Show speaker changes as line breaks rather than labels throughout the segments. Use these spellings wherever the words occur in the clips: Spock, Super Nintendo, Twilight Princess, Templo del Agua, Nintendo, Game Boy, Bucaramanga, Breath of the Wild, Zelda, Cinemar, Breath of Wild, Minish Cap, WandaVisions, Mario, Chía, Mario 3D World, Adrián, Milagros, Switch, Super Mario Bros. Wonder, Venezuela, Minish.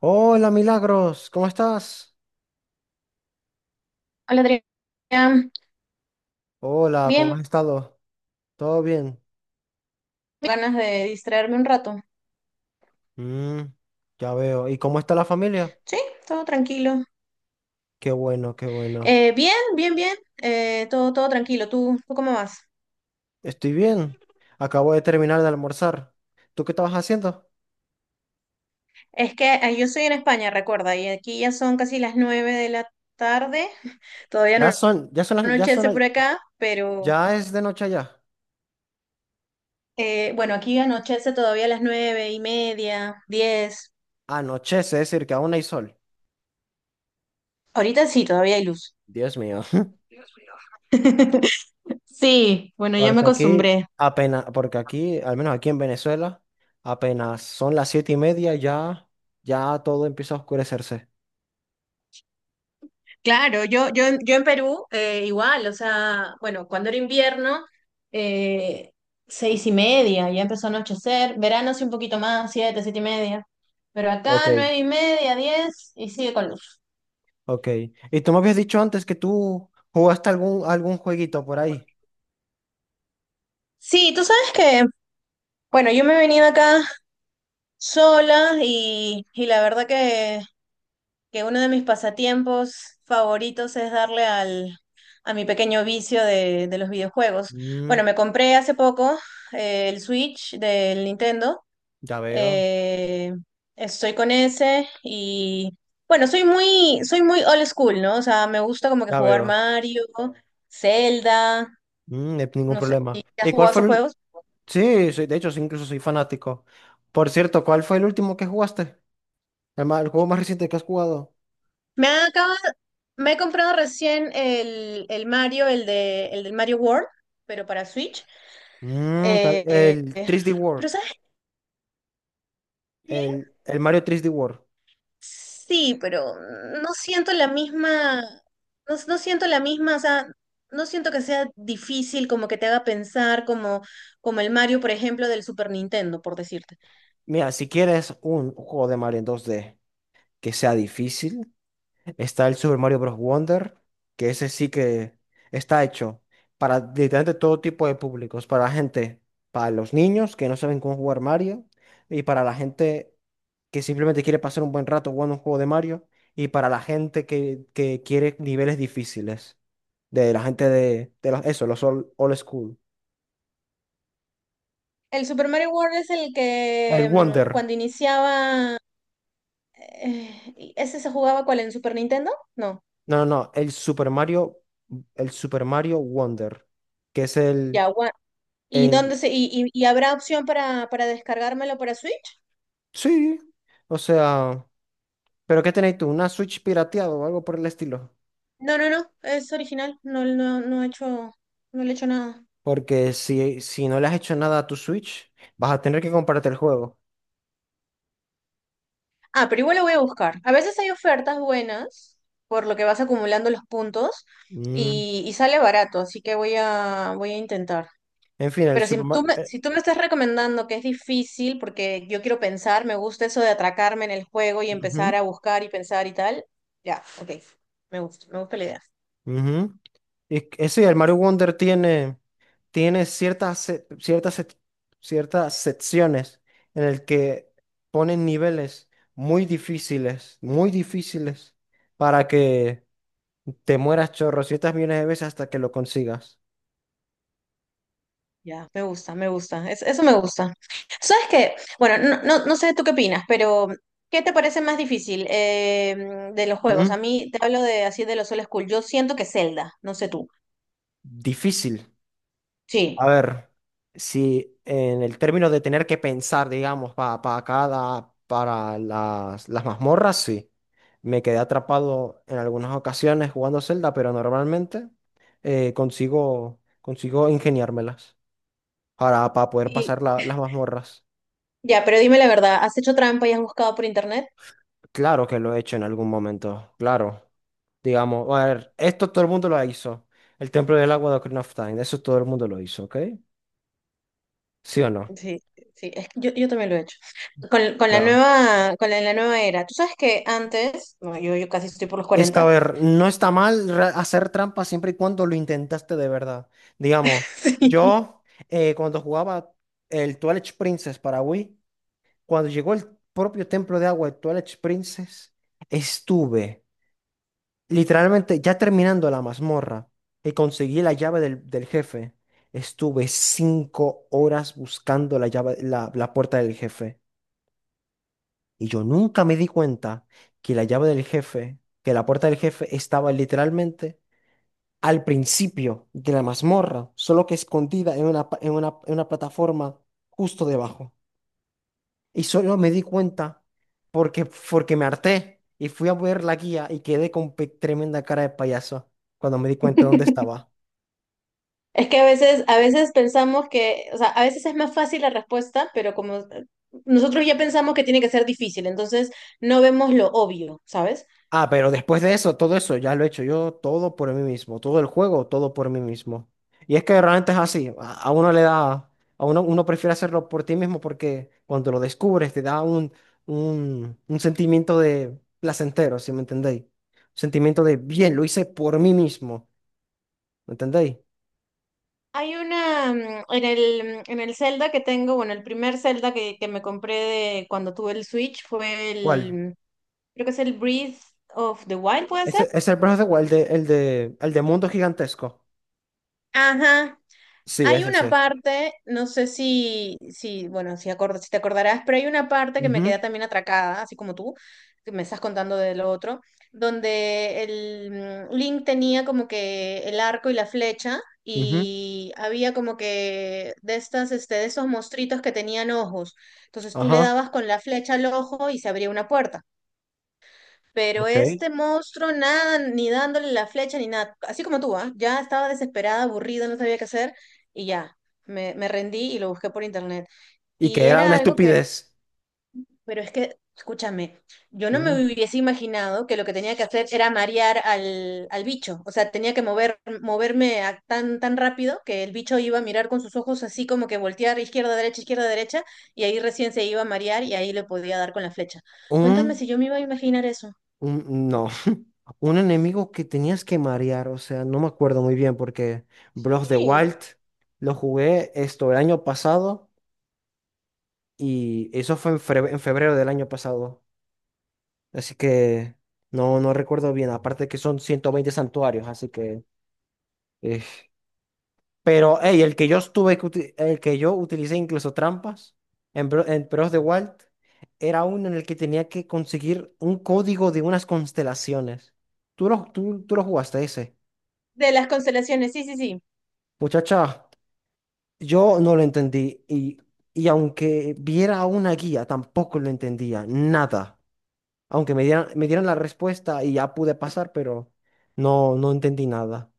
Hola, Milagros, ¿cómo estás?
Hola Adrián,
Hola, ¿cómo
bien,
has estado? ¿Todo bien?
ganas de distraerme un rato.
Mm, ya veo. ¿Y cómo está la familia?
Sí, todo tranquilo.
Qué bueno, qué bueno.
Bien, bien, bien, todo tranquilo. Tú cómo vas?
Estoy bien. Acabo de terminar de almorzar. ¿Tú qué estabas haciendo?
Es que yo soy en España, recuerda, y aquí ya son casi las 9 de la tarde. Todavía
Ya
no
son, ya son, las- ya son,
anochece
las-
por acá, pero
ya es de noche allá.
bueno, aquí anochece todavía a las 9:30, 10.
Anochece, es decir, que aún hay sol.
Ahorita sí, todavía hay luz.
Dios mío.
Sí, bueno, ya me
Porque aquí
acostumbré.
apenas, porque aquí, al menos aquí en Venezuela, apenas son las 7:30, ya, ya todo empieza a oscurecerse.
Claro, yo en Perú igual, o sea, bueno, cuando era invierno, eh, 6:30, ya empezó a anochecer, verano sí un poquito más, siete y media, pero
Ok.
acá 9:30, 10 y sigue con luz.
Ok. Y tú me habías dicho antes que tú jugaste algún jueguito por ahí.
Sí, tú sabes que, bueno, yo me he venido acá sola y la verdad que uno de mis pasatiempos favoritos es darle a mi pequeño vicio de los videojuegos. Bueno,
Mm,
me compré hace poco el Switch del Nintendo.
ya veo,
Eh, Estoy con ese y bueno, soy muy old school, ¿no? O sea, me gusta como que
ya
jugar
veo.
Mario, Zelda,
No hay ningún
no sé
problema.
si has
¿Y cuál
jugado
fue
esos
el...
juegos.
Sí, soy, de hecho, sí, incluso soy fanático. Por cierto, ¿cuál fue el último que jugaste? El juego más reciente que has jugado.
Me acaba- Me he comprado recién el Mario, el del Mario World, pero para Switch. Eh,
El
eh,
3D World.
pero ¿sabes qué?
El Mario 3D World.
Sí, pero no siento la misma, no siento la misma, o sea, no siento que sea difícil como que te haga pensar como el Mario, por ejemplo, del Super Nintendo, por decirte.
Mira, si quieres un juego de Mario en 2D que sea difícil, está el Super Mario Bros. Wonder, que ese sí que está hecho para literalmente todo tipo de públicos, para la gente, para los niños que no saben cómo jugar Mario, y para la gente que simplemente quiere pasar un buen rato jugando un juego de Mario, y para la gente que quiere niveles difíciles, de la gente de los- eso, los old, old school.
El Super Mario World es el
El
que
Wonder,
cuando iniciaba, y ¿ese se jugaba cuál en Super Nintendo? No,
no, no, no, el Super Mario Wonder, que es
ya, ¿Y dónde
el,
se, y habrá opción para descargármelo para Switch?
sí, o sea... ¿Pero qué tenéis tú? ¿Una Switch pirateada o algo por el estilo?
No, no, no, es original, no, no, no he hecho, no le he hecho nada.
Porque si, si no le has hecho nada a tu Switch, vas a tener que comprarte el juego.
Ah, pero igual lo voy a buscar. A veces hay ofertas buenas, por lo que vas acumulando los puntos
Mm,
y sale barato, así que voy a, voy a intentar.
En fin, el
Pero
Super Mario...
si tú me estás recomendando que es difícil, porque yo quiero pensar, me gusta eso de atracarme en el juego y empezar a buscar y pensar y tal, ya, ok, me gusta la idea.
Y que- sí, el Mario Wonder tiene, tiene ciertas, se- ciertas, sec- ciertas secciones en el que ponen niveles muy difíciles, para que te mueras chorro ciertas millones de veces hasta que lo consigas.
Ya, me gusta, me gusta. Eso me gusta. ¿Sabes qué? Bueno, no, no, no sé tú qué opinas, pero ¿qué te parece más difícil de los juegos? A
Mm,
mí te hablo de así de los old school. Yo siento que Zelda, no sé tú.
Difícil.
Sí.
A ver, si en el término de tener que pensar, digamos, para cada, para las mazmorras, sí. Me quedé atrapado en algunas ocasiones jugando Zelda, pero normalmente consigo, consigo ingeniármelas para poder
Y
pasar la- las mazmorras.
ya, pero dime la verdad, ¿has hecho trampa y has buscado por internet?
Claro que lo he hecho en algún momento, claro. Digamos, a ver, esto todo el mundo lo hizo. El Templo del Agua de Ocarina of Time, eso todo el mundo lo hizo, ¿ok? ¿Sí o no?
Sí, sí, es que yo también lo he hecho. Con la nueva, la nueva era. Tú sabes que antes, bueno, yo casi estoy por los
Es que, a
40.
ver, no está mal re- hacer trampa siempre y cuando lo intentaste de verdad. Digamos, yo cuando jugaba el Twilight Princess para Wii, cuando llegó el propio templo de agua de Twilight Princess, estuve literalmente ya terminando la mazmorra y conseguí la llave del, del jefe. Estuve 5 horas buscando la llave, la puerta del jefe. Y yo nunca me di cuenta que la llave del jefe, que la puerta del jefe estaba literalmente al principio de la mazmorra, solo que escondida en una, pa- en una plataforma justo debajo. Y solo me di cuenta porque, porque me harté y fui a ver la guía y quedé con pe- tremenda cara de payaso cuando me di cuenta dónde
Sí.
estaba.
Es que a veces pensamos que, o sea, a veces es más fácil la respuesta, pero como nosotros ya pensamos que tiene que ser difícil, entonces no vemos lo obvio, ¿sabes?
Ah, pero después de eso, todo eso ya lo he hecho yo todo por mí mismo, todo el juego, todo por mí mismo. Y es que realmente es así, a uno le da, a uno, uno prefiere hacerlo por ti mismo porque cuando lo descubres te da un sentimiento de placentero, ¿si me entendéis? Un sentimiento de bien, lo hice por mí mismo, ¿me entendéis?
Hay una, en en el Zelda que tengo, bueno, el primer Zelda que me compré de cuando tuve el Switch fue
¿Cuál?
el, creo que es el Breath of the Wild, ¿puede ser?
Ese es el proceso, ¿cuál? El de, el de, el de mundo gigantesco.
Ajá.
Sí,
Hay
es
una
ese.
parte, no sé bueno, si, si te acordarás, pero hay una parte que me
Ujú,
queda también atracada, así como tú, que me estás contando de lo otro, donde el Link tenía como que el arco y la flecha
ujú.
y había como que de estas, este, de esos monstruitos que tenían ojos. Entonces tú le
Ajá.
dabas con la flecha al ojo y se abría una puerta. Pero
Ok.
este monstruo, nada, ni dándole la flecha ni nada, así como tú, ¿ah? Ya estaba desesperada, aburrida, no sabía qué hacer y ya, me rendí y lo busqué por internet.
Y que
Y
era
era
una
algo que,
estupidez.
pero es que, escúchame, yo no me
Ujú.
hubiese imaginado que lo que tenía que hacer era marear al bicho, o sea, tenía que moverme tan rápido que el bicho iba a mirar con sus ojos así como que voltear izquierda, derecha, y ahí recién se iba a marear y ahí le podía dar con la flecha. Cuéntame
Un
si yo me iba a imaginar eso.
No, un enemigo que tenías que marear, o sea, no me acuerdo muy bien porque Breath de Wild lo jugué esto el año pasado y eso fue en fre- en febrero del año pasado, así que no, no recuerdo bien, aparte que son 120 santuarios, así que... eh, Pero, hey, el que yo estuve, que uti- el que yo utilicé incluso trampas en, Bro- en Breath de Wild era uno en el que tenía que conseguir un código de unas constelaciones. ¿ tú lo jugaste ese?
De las constelaciones, sí, sí, sí.
Muchacha, yo no lo entendí y aunque viera una guía, tampoco lo entendía, nada. Aunque me dieran la respuesta y ya pude pasar, pero no, no entendí nada.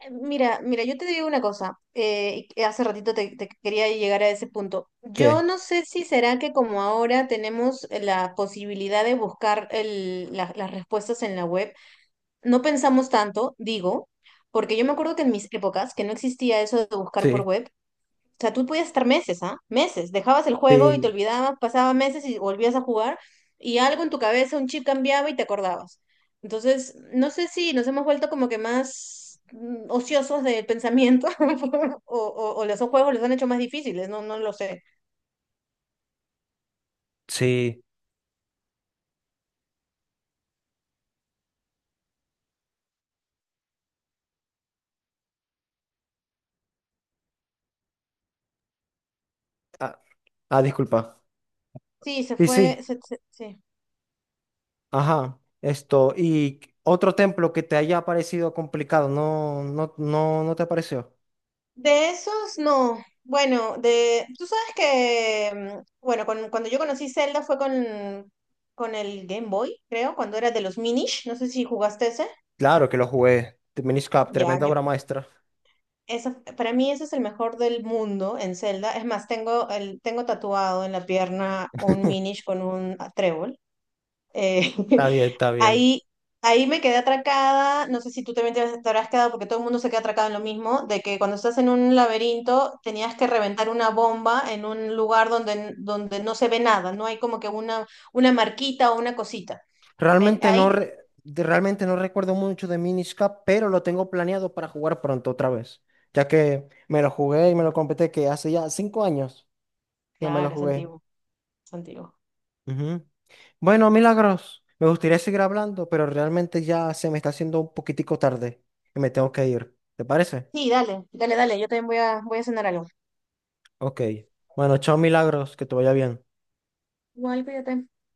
Mira, mira, yo te digo una cosa, y hace ratito te quería llegar a ese punto. Yo
¿Qué?
no sé si será que como ahora tenemos la posibilidad de buscar las respuestas en la web, no pensamos tanto, digo, porque yo me acuerdo que en mis épocas, que no existía eso de buscar por
Sí,
web. O sea, tú podías estar meses, ¿ah? Meses. Dejabas el juego y te
sí,
olvidabas, pasaba meses y volvías a jugar y algo en tu cabeza, un chip cambiaba y te acordabas. Entonces, no sé si nos hemos vuelto como que más ociosos del pensamiento o los juegos los han hecho más difíciles, no, no lo sé.
sí. Ah, ah, disculpa.
Sí, se
Y
fue,
sí,
sí.
ajá, esto. ¿Y otro templo que te haya parecido complicado? No, no, no, no te pareció.
De esos, no. Bueno, de, tú sabes que, bueno, cuando yo conocí Zelda fue con el Game Boy, creo, cuando era de los Minish, no sé si jugaste ese.
Claro que lo jugué. Minish Cap,
Ya,
tremenda
yo,
obra maestra.
eso, para mí ese es el mejor del mundo en Zelda. Es más, tengo tatuado en la pierna un Minish con un trébol. Eh,
Está bien, está bien.
ahí, ahí me quedé atracada. No sé si tú también te habrás quedado porque todo el mundo se queda atracado en lo mismo, de que cuando estás en un laberinto tenías que reventar una bomba en un lugar donde, donde no se ve nada, no hay como que una marquita o una cosita. En-
Realmente no,
ahí, te-
re- de- realmente no recuerdo mucho de Minish pero lo tengo planeado para jugar pronto otra vez, ya que me lo jugué y me lo completé que hace ya 5 años que me lo
claro, es
jugué.
antiguo, es antiguo.
Ujú. Bueno, Milagros, me gustaría seguir hablando, pero realmente ya se me está haciendo un poquitico tarde y me tengo que ir. ¿Te parece?
Sí, dale, dale, dale, yo también voy a, voy a cenar algo.
Ok. Bueno, chao, Milagros, que te vaya bien.
Igual, cuídate.